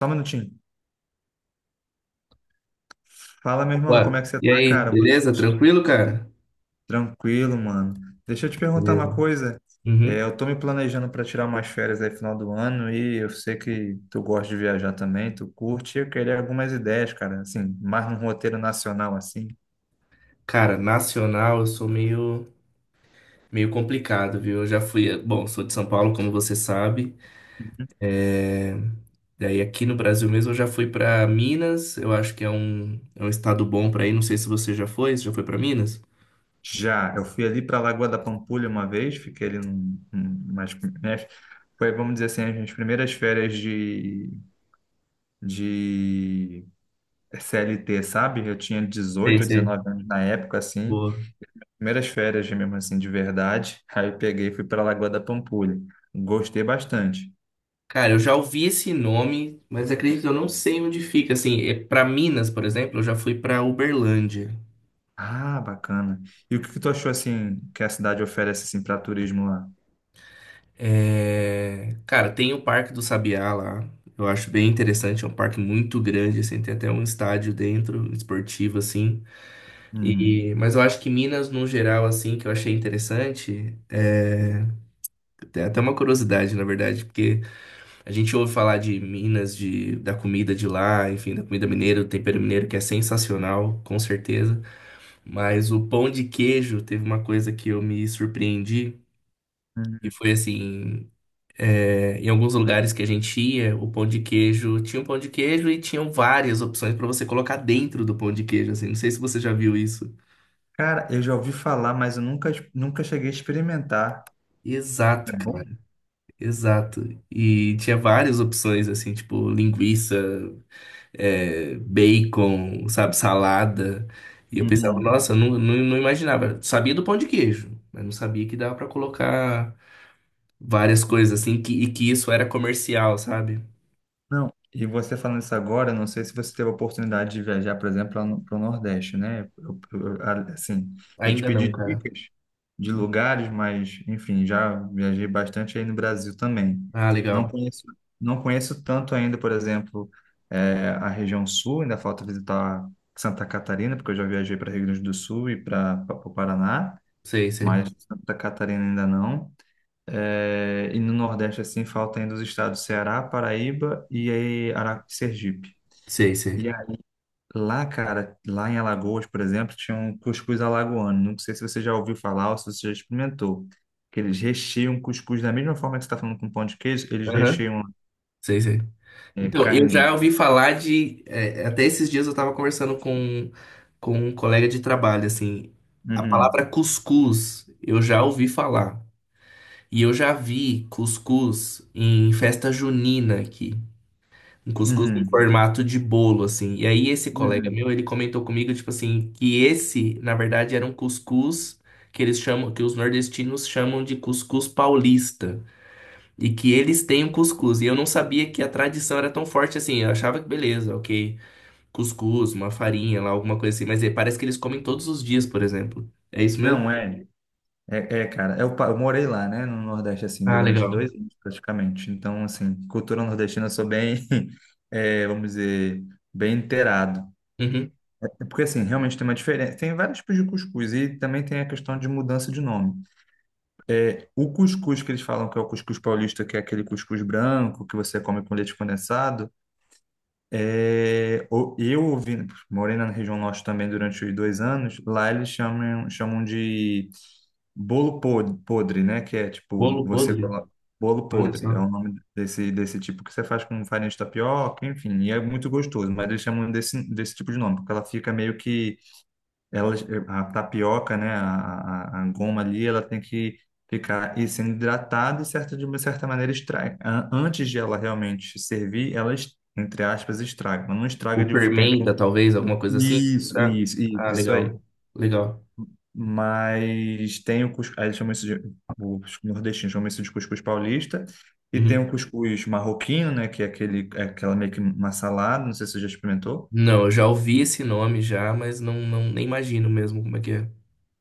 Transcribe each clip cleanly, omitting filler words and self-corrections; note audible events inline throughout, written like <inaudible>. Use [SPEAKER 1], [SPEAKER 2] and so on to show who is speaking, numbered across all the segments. [SPEAKER 1] Só um minutinho. Fala, meu irmão, como é
[SPEAKER 2] Ué,
[SPEAKER 1] que você
[SPEAKER 2] e
[SPEAKER 1] tá,
[SPEAKER 2] aí,
[SPEAKER 1] cara? Boa
[SPEAKER 2] beleza?
[SPEAKER 1] noite.
[SPEAKER 2] Tranquilo, cara?
[SPEAKER 1] Tranquilo, mano. Deixa eu te perguntar
[SPEAKER 2] Beleza.
[SPEAKER 1] uma coisa.
[SPEAKER 2] Uhum.
[SPEAKER 1] Eu tô me planejando para tirar umas férias aí final do ano e eu sei que tu gosta de viajar também, tu curte e eu queria algumas ideias, cara, assim, mais num roteiro nacional, assim.
[SPEAKER 2] Cara, nacional eu sou meio complicado, viu? Eu já fui, bom, sou de São Paulo, como você sabe. Daí aqui no Brasil mesmo eu já fui pra Minas, eu acho que é um estado bom pra ir. Não sei se você já foi, você já foi pra Minas?
[SPEAKER 1] Já, eu fui ali para Lagoa da Pampulha uma vez, fiquei ali umas, né, foi, vamos dizer assim, as minhas primeiras férias de, de CLT, sabe? Eu tinha
[SPEAKER 2] Sei,
[SPEAKER 1] dezoito ou
[SPEAKER 2] sei.
[SPEAKER 1] dezenove anos na época, assim.
[SPEAKER 2] Boa.
[SPEAKER 1] Primeiras férias mesmo assim, de verdade. <laughs> Aí eu peguei e fui para Lagoa da Pampulha. Gostei bastante.
[SPEAKER 2] Cara, eu já ouvi esse nome, mas acredito que eu não sei onde fica. Assim, é para Minas, por exemplo, eu já fui pra Uberlândia.
[SPEAKER 1] Ah, bacana. E o que que tu achou assim que a cidade oferece assim para turismo lá?
[SPEAKER 2] É, cara, tem o Parque do Sabiá lá. Eu acho bem interessante, é um parque muito grande, assim, tem até um estádio dentro, esportivo, assim.
[SPEAKER 1] Uhum.
[SPEAKER 2] Mas eu acho que Minas, no geral, assim, que eu achei interessante, tem até uma curiosidade, na verdade, porque a gente ouve falar de Minas, da comida de lá, enfim, da comida mineira, do tempero mineiro, que é sensacional, com certeza. Mas o pão de queijo teve uma coisa que eu me surpreendi, e
[SPEAKER 1] Uhum.
[SPEAKER 2] foi assim. É, em alguns lugares que a gente ia, o pão de queijo tinha um pão de queijo e tinham várias opções pra você colocar dentro do pão de queijo, assim. Não sei se você já viu isso.
[SPEAKER 1] Cara, eu já ouvi falar, mas eu nunca cheguei a experimentar. É
[SPEAKER 2] Exato,
[SPEAKER 1] bom?
[SPEAKER 2] cara, exato. E tinha várias opções, assim, tipo linguiça, é, bacon, sabe, salada. E eu pensava,
[SPEAKER 1] Uhum.
[SPEAKER 2] nossa, eu não imaginava. Sabia do pão de queijo, mas não sabia que dava pra colocar várias coisas, assim, que, e que isso era comercial, sabe?
[SPEAKER 1] Não, e você falando isso agora, não sei se você teve a oportunidade de viajar, por exemplo, para o Nordeste, né? Assim, eu te
[SPEAKER 2] Ainda
[SPEAKER 1] pedi
[SPEAKER 2] não, cara.
[SPEAKER 1] dicas de lugares, mas, enfim, já viajei bastante aí no Brasil também.
[SPEAKER 2] Ah,
[SPEAKER 1] Não
[SPEAKER 2] legal.
[SPEAKER 1] conheço, não conheço tanto ainda, por exemplo, a região sul, ainda falta visitar Santa Catarina, porque eu já viajei para Rio Grande do Sul e para o Paraná,
[SPEAKER 2] Sei, sei.
[SPEAKER 1] mas Santa Catarina ainda não. É, e no Nordeste, assim, falta ainda os estados Ceará, Paraíba e aí Sergipe.
[SPEAKER 2] Sei, sei.
[SPEAKER 1] E aí, lá, cara, lá em Alagoas, por exemplo, tinha um cuscuz alagoano. Não sei se você já ouviu falar ou se você já experimentou. Que eles recheiam cuscuz da mesma forma que você está falando com pão de queijo, eles
[SPEAKER 2] Aham.
[SPEAKER 1] recheiam
[SPEAKER 2] Sei, sei. Então, eu já
[SPEAKER 1] carne.
[SPEAKER 2] ouvi falar de. É, até esses dias eu tava conversando com um colega de trabalho, assim. A palavra
[SPEAKER 1] Uhum,
[SPEAKER 2] cuscuz eu já ouvi falar. E eu já vi cuscuz em festa junina aqui. Um cuscuz em
[SPEAKER 1] uhum,
[SPEAKER 2] formato de bolo, assim. E aí esse colega
[SPEAKER 1] uhum.
[SPEAKER 2] meu, ele comentou comigo, tipo assim, que esse, na verdade, era um cuscuz que eles chamam, que os nordestinos chamam de cuscuz paulista. E que eles têm o cuscuz. E eu não sabia que a tradição era tão forte assim. Eu achava que beleza, ok. Cuscuz, uma farinha lá, alguma coisa assim. Mas é, parece que eles comem todos os dias, por exemplo. É isso mesmo?
[SPEAKER 1] Não é. Cara, eu morei lá, né, no Nordeste, assim,
[SPEAKER 2] Ah,
[SPEAKER 1] durante
[SPEAKER 2] legal.
[SPEAKER 1] 2 anos, praticamente. Então, assim, cultura nordestina eu sou bem, <laughs> vamos dizer, bem inteirado.
[SPEAKER 2] Uhum.
[SPEAKER 1] Porque, assim, realmente tem uma diferença. Tem vários tipos de cuscuz e também tem a questão de mudança de nome. O cuscuz que eles falam que é o cuscuz paulista, que é aquele cuscuz branco que você come com leite condensado, é, o- eu ouvi, morei na região norte também durante os 2 anos, lá eles chamam de bolo podre, né? Que é tipo,
[SPEAKER 2] Bolo
[SPEAKER 1] você
[SPEAKER 2] podre.
[SPEAKER 1] coloca. Bolo
[SPEAKER 2] Olha
[SPEAKER 1] podre
[SPEAKER 2] só.
[SPEAKER 1] é o nome desse, tipo que você faz com farinha de tapioca, enfim, e é muito gostoso, mas eles chamam desse, tipo de nome, porque ela fica meio que. Ela, a tapioca, né? A goma ali, ela tem que ficar e sendo hidratada e certa, de uma certa maneira estraga. Antes de ela realmente servir, ela, entre aspas, estraga, mas não estraga
[SPEAKER 2] Ou
[SPEAKER 1] de ficar.
[SPEAKER 2] fermenta, talvez, alguma coisa assim.
[SPEAKER 1] Isso,
[SPEAKER 2] Ah,
[SPEAKER 1] isso, isso,
[SPEAKER 2] ah,
[SPEAKER 1] isso aí,
[SPEAKER 2] legal. Legal.
[SPEAKER 1] mas tem o cuscuz, aí eles chamam isso de, os nordestinos chamam isso de cuscuz paulista, e tem
[SPEAKER 2] Uhum.
[SPEAKER 1] o cuscuz marroquino, né, que é aquele, é aquela meio que uma salada, não sei se você já experimentou.
[SPEAKER 2] Não, eu já ouvi esse nome já, mas não nem imagino mesmo como é que é.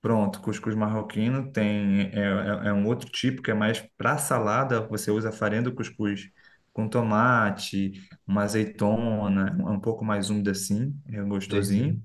[SPEAKER 1] Pronto, cuscuz marroquino tem, é um outro tipo que é mais para salada, você usa a farinha do cuscuz com tomate, uma azeitona, um pouco mais úmida assim, é
[SPEAKER 2] Sei, sei.
[SPEAKER 1] gostosinho.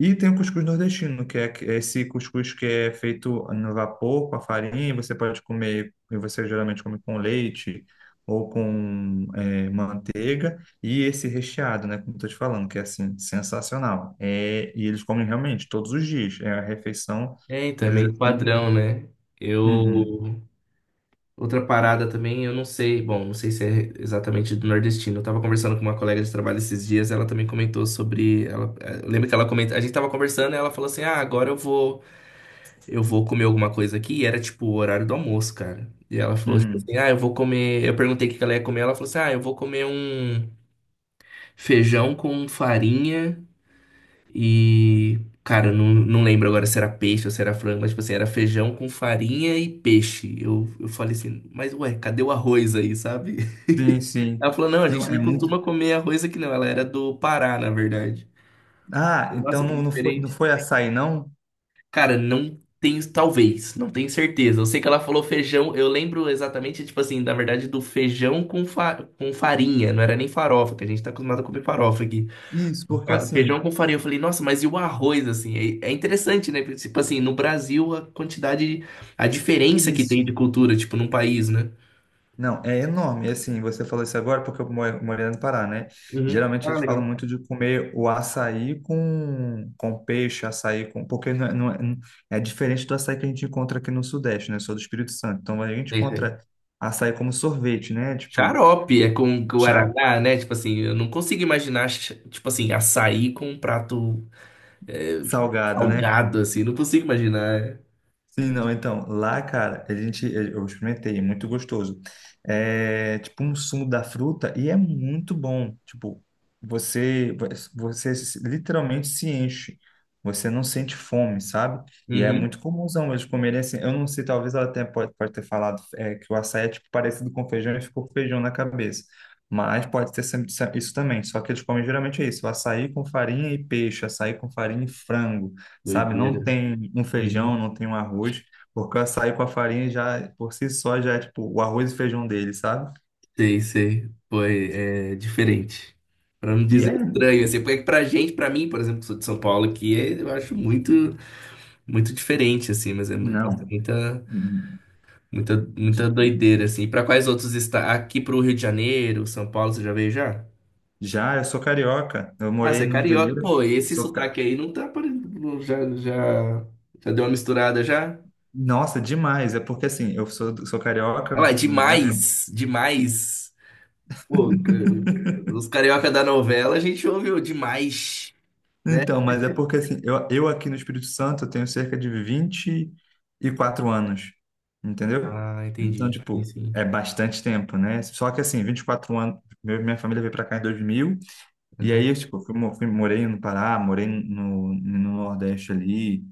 [SPEAKER 1] E tem o cuscuz nordestino, que é é esse cuscuz que é feito no vapor, com a farinha, você pode comer, e você geralmente come com leite ou com manteiga, e esse recheado, né, como eu tô te falando, que é assim, sensacional. É, e eles comem realmente todos os dias, é a refeição
[SPEAKER 2] É, então, é
[SPEAKER 1] deles
[SPEAKER 2] meio
[SPEAKER 1] assim.
[SPEAKER 2] padrão, né?
[SPEAKER 1] Uhum,
[SPEAKER 2] Eu. Outra parada também, eu não sei, bom, não sei se é exatamente do nordestino. Eu tava conversando com uma colega de trabalho esses dias, ela também comentou sobre, ela, eu lembro que ela comentou, a gente tava conversando e ela falou assim: "Ah, agora eu vou comer alguma coisa aqui". E era tipo o horário do almoço, cara. E ela falou tipo
[SPEAKER 1] uhum.
[SPEAKER 2] assim: "Ah, eu vou comer". Eu perguntei o que que ela ia comer, ela falou assim: "Ah, eu vou comer um feijão com farinha e, cara, eu não lembro agora se era peixe ou se era frango, mas, tipo assim, era feijão com farinha e peixe. Eu falei assim, mas ué, cadê o arroz aí, sabe?
[SPEAKER 1] Sim,
[SPEAKER 2] <laughs>
[SPEAKER 1] sim.
[SPEAKER 2] Ela falou, não, a
[SPEAKER 1] Não,
[SPEAKER 2] gente
[SPEAKER 1] é
[SPEAKER 2] não
[SPEAKER 1] muito.
[SPEAKER 2] costuma comer arroz aqui não. Ela era do Pará, na verdade.
[SPEAKER 1] Ah, então
[SPEAKER 2] Nossa, que
[SPEAKER 1] não, não
[SPEAKER 2] diferente.
[SPEAKER 1] foi açaí, não?
[SPEAKER 2] Cara, não tenho, talvez, não tenho certeza. Eu sei que ela falou feijão, eu lembro exatamente, tipo assim, na verdade, do feijão com, fa com farinha, não era nem farofa, que a gente tá acostumado a comer farofa aqui.
[SPEAKER 1] Isso, porque
[SPEAKER 2] Ah,
[SPEAKER 1] assim,
[SPEAKER 2] feijão com farinha. Eu falei, nossa, mas e o arroz, assim? É, é interessante, né? Porque, tipo assim, no Brasil, a quantidade, a diferença que tem de
[SPEAKER 1] isso.
[SPEAKER 2] cultura, tipo, num país, né?
[SPEAKER 1] Não, é enorme. E, assim, você falou isso agora porque eu morei no Pará, né?
[SPEAKER 2] Uhum.
[SPEAKER 1] Geralmente
[SPEAKER 2] Ah,
[SPEAKER 1] eles falam
[SPEAKER 2] legal.
[SPEAKER 1] muito de comer o açaí com peixe, açaí com. Porque é diferente do açaí que a gente encontra aqui no Sudeste, né? Eu sou do Espírito Santo. Então a gente
[SPEAKER 2] É isso
[SPEAKER 1] encontra
[SPEAKER 2] aí.
[SPEAKER 1] açaí como sorvete, né? Tipo,
[SPEAKER 2] Xarope é com
[SPEAKER 1] chá
[SPEAKER 2] guaraná, né? Tipo assim, eu não consigo imaginar, tipo assim, açaí com um prato é,
[SPEAKER 1] salgado, né?
[SPEAKER 2] salgado, assim. Não consigo imaginar.
[SPEAKER 1] Sim, não, então, lá, cara, a gente, eu experimentei, é muito gostoso. É tipo um sumo da fruta e é muito bom. Tipo, você, você literalmente se enche. Você não sente fome, sabe? E é
[SPEAKER 2] Uhum.
[SPEAKER 1] muito comumzão eles comerem assim. Eu não sei, talvez ela até pode, pode ter falado que o açaí é tipo parecido com feijão e ficou feijão na cabeça. Mas pode ter sempre isso também. Só que eles comem geralmente é isso: o açaí com farinha e peixe, açaí com farinha e frango, sabe? Não
[SPEAKER 2] Doideira.
[SPEAKER 1] tem um feijão,
[SPEAKER 2] Uhum.
[SPEAKER 1] não tem um arroz, porque o açaí com a farinha já, por si só, já é tipo o arroz e feijão dele, sabe?
[SPEAKER 2] Sei, sei. Foi é diferente. Pra não
[SPEAKER 1] E
[SPEAKER 2] dizer
[SPEAKER 1] é,
[SPEAKER 2] estranho, assim, porque pra gente, pra mim, por exemplo, que sou de São Paulo, aqui, eu acho muito, muito diferente, assim, mas nossa,
[SPEAKER 1] não,
[SPEAKER 2] muita doideira, assim. E pra quais outros está aqui pro Rio de Janeiro, São Paulo, você já veio já?
[SPEAKER 1] já, eu sou carioca, eu
[SPEAKER 2] Ah, você
[SPEAKER 1] morei
[SPEAKER 2] é
[SPEAKER 1] no Rio de
[SPEAKER 2] carioca.
[SPEAKER 1] Janeiro,
[SPEAKER 2] Pô, esse
[SPEAKER 1] sou,
[SPEAKER 2] sotaque aí não tá parecendo, já deu uma misturada já?
[SPEAKER 1] nossa, demais, é porque assim, eu, sou carioca,
[SPEAKER 2] Olha lá,
[SPEAKER 1] né?
[SPEAKER 2] demais, demais. Pô,
[SPEAKER 1] <laughs>
[SPEAKER 2] os carioca da novela, a gente ouviu demais, né?
[SPEAKER 1] Então, mas é porque assim, eu aqui no Espírito Santo eu tenho cerca de 24 anos, entendeu?
[SPEAKER 2] Ah,
[SPEAKER 1] Então,
[SPEAKER 2] entendi. Sim,
[SPEAKER 1] tipo,
[SPEAKER 2] sim.
[SPEAKER 1] é bastante tempo, né? Só que assim, 24 anos, minha família veio pra cá em 2000. E aí,
[SPEAKER 2] Aham.
[SPEAKER 1] eu, tipo, morei no Pará, morei no Nordeste ali,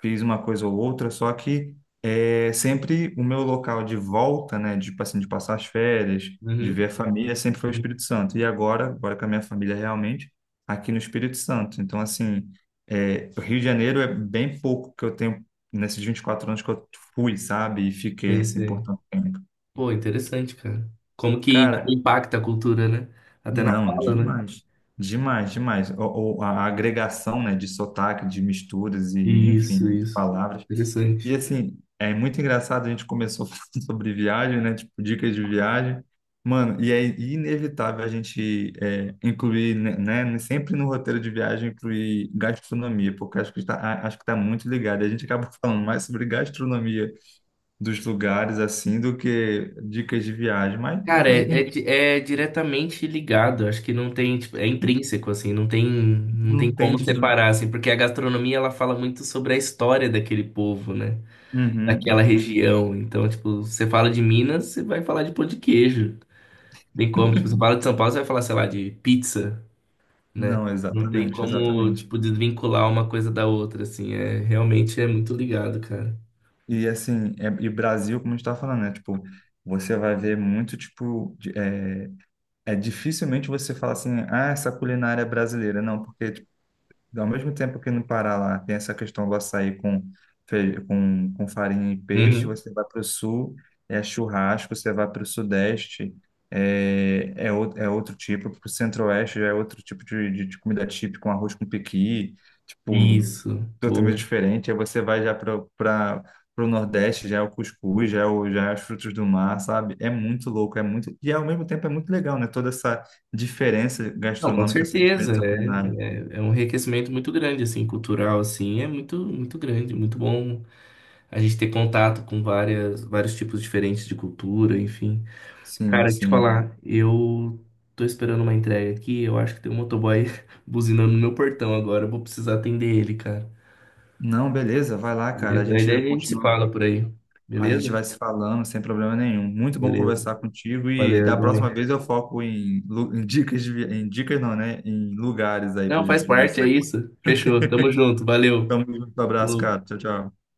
[SPEAKER 1] fiz uma coisa ou outra, só que é, sempre o meu local de volta, né, de, tipo assim, de passar as férias, de ver
[SPEAKER 2] Uhum.
[SPEAKER 1] a família, sempre foi o
[SPEAKER 2] Sim,
[SPEAKER 1] Espírito Santo. E agora, agora com a minha família realmente, aqui no Espírito Santo. Então, assim, é, o Rio de Janeiro é bem pouco que eu tenho nesses 24 anos que eu fui, sabe? E fiquei,
[SPEAKER 2] sei,
[SPEAKER 1] assim, por
[SPEAKER 2] sei.
[SPEAKER 1] tanto tempo.
[SPEAKER 2] Pô, interessante, cara. Como que
[SPEAKER 1] Cara,
[SPEAKER 2] impacta a cultura, né? Até na
[SPEAKER 1] não,
[SPEAKER 2] fala, né?
[SPEAKER 1] demais. Demais, demais. O, a agregação, né, de sotaque, de misturas e, enfim,
[SPEAKER 2] Isso,
[SPEAKER 1] de
[SPEAKER 2] isso.
[SPEAKER 1] palavras. E
[SPEAKER 2] Interessante.
[SPEAKER 1] assim, é muito engraçado, a gente começou <laughs> falando sobre viagem, né, tipo, dicas de viagem. Mano, e é inevitável a gente incluir, né, sempre no roteiro de viagem, incluir gastronomia, porque acho que está, acho que está muito ligado. A gente acaba falando mais sobre gastronomia dos lugares, assim, do que dicas de viagem, mas
[SPEAKER 2] Cara,
[SPEAKER 1] em- em-
[SPEAKER 2] é diretamente ligado. Acho que não tem, tipo, é intrínseco, assim, não tem
[SPEAKER 1] não tem
[SPEAKER 2] como
[SPEAKER 1] de... não-.
[SPEAKER 2] separar, assim, porque a gastronomia, ela fala muito sobre a história daquele povo, né?
[SPEAKER 1] Uhum,
[SPEAKER 2] Daquela
[SPEAKER 1] uhum.
[SPEAKER 2] região. Então, tipo, você fala de Minas, você vai falar de pão de queijo. Tem como, tipo, você fala de São Paulo, você vai falar, sei lá, de pizza, né?
[SPEAKER 1] Não,
[SPEAKER 2] Não tem
[SPEAKER 1] exatamente,
[SPEAKER 2] como,
[SPEAKER 1] exatamente.
[SPEAKER 2] tipo, desvincular uma coisa da outra, assim. É, realmente é muito ligado, cara.
[SPEAKER 1] E assim, é, e Brasil, como a gente tá falando, né? Tipo, você vai ver muito, tipo, é dificilmente você fala assim, ah, essa culinária é brasileira. Não, porque tipo, ao mesmo tempo que no Pará lá tem essa questão do açaí com farinha e peixe,
[SPEAKER 2] Uhum.
[SPEAKER 1] você vai para o sul, é churrasco, você vai para o sudeste, é outro tipo, para o centro-oeste já é outro tipo de comida típica, com arroz com pequi. Tipo,
[SPEAKER 2] Isso,
[SPEAKER 1] totalmente
[SPEAKER 2] boa.
[SPEAKER 1] diferente. Aí você vai já para o Nordeste, já é o cuscuz, já é os frutos do mar, sabe? É muito louco, é muito. E ao mesmo tempo é muito legal, né? Toda essa diferença
[SPEAKER 2] Não, com
[SPEAKER 1] gastronômica, essa
[SPEAKER 2] certeza,
[SPEAKER 1] diferença culinária.
[SPEAKER 2] é um enriquecimento muito grande, assim, cultural, assim, é muito, muito grande, muito bom a gente ter contato com várias, vários tipos diferentes de cultura, enfim.
[SPEAKER 1] Sim,
[SPEAKER 2] Cara, te
[SPEAKER 1] sim.
[SPEAKER 2] falar, eu tô esperando uma entrega aqui, eu acho que tem um motoboy <laughs> buzinando no meu portão agora, eu vou precisar atender ele, cara.
[SPEAKER 1] Não, beleza, vai lá, cara. A
[SPEAKER 2] Beleza? Aí daí
[SPEAKER 1] gente
[SPEAKER 2] a gente se
[SPEAKER 1] continua.
[SPEAKER 2] fala por aí,
[SPEAKER 1] A gente
[SPEAKER 2] beleza?
[SPEAKER 1] vai se falando sem problema nenhum. Muito bom
[SPEAKER 2] Beleza.
[SPEAKER 1] conversar contigo e
[SPEAKER 2] Valeu,
[SPEAKER 1] da
[SPEAKER 2] irmão.
[SPEAKER 1] próxima vez eu foco em, em dicas, em dicas não, né? Em lugares aí pra
[SPEAKER 2] Não, faz
[SPEAKER 1] gente
[SPEAKER 2] parte, é
[SPEAKER 1] conversar.
[SPEAKER 2] isso. Fechou. Tamo
[SPEAKER 1] <laughs>
[SPEAKER 2] junto. Valeu.
[SPEAKER 1] Então, um abraço,
[SPEAKER 2] Falou.
[SPEAKER 1] cara. Tchau, tchau.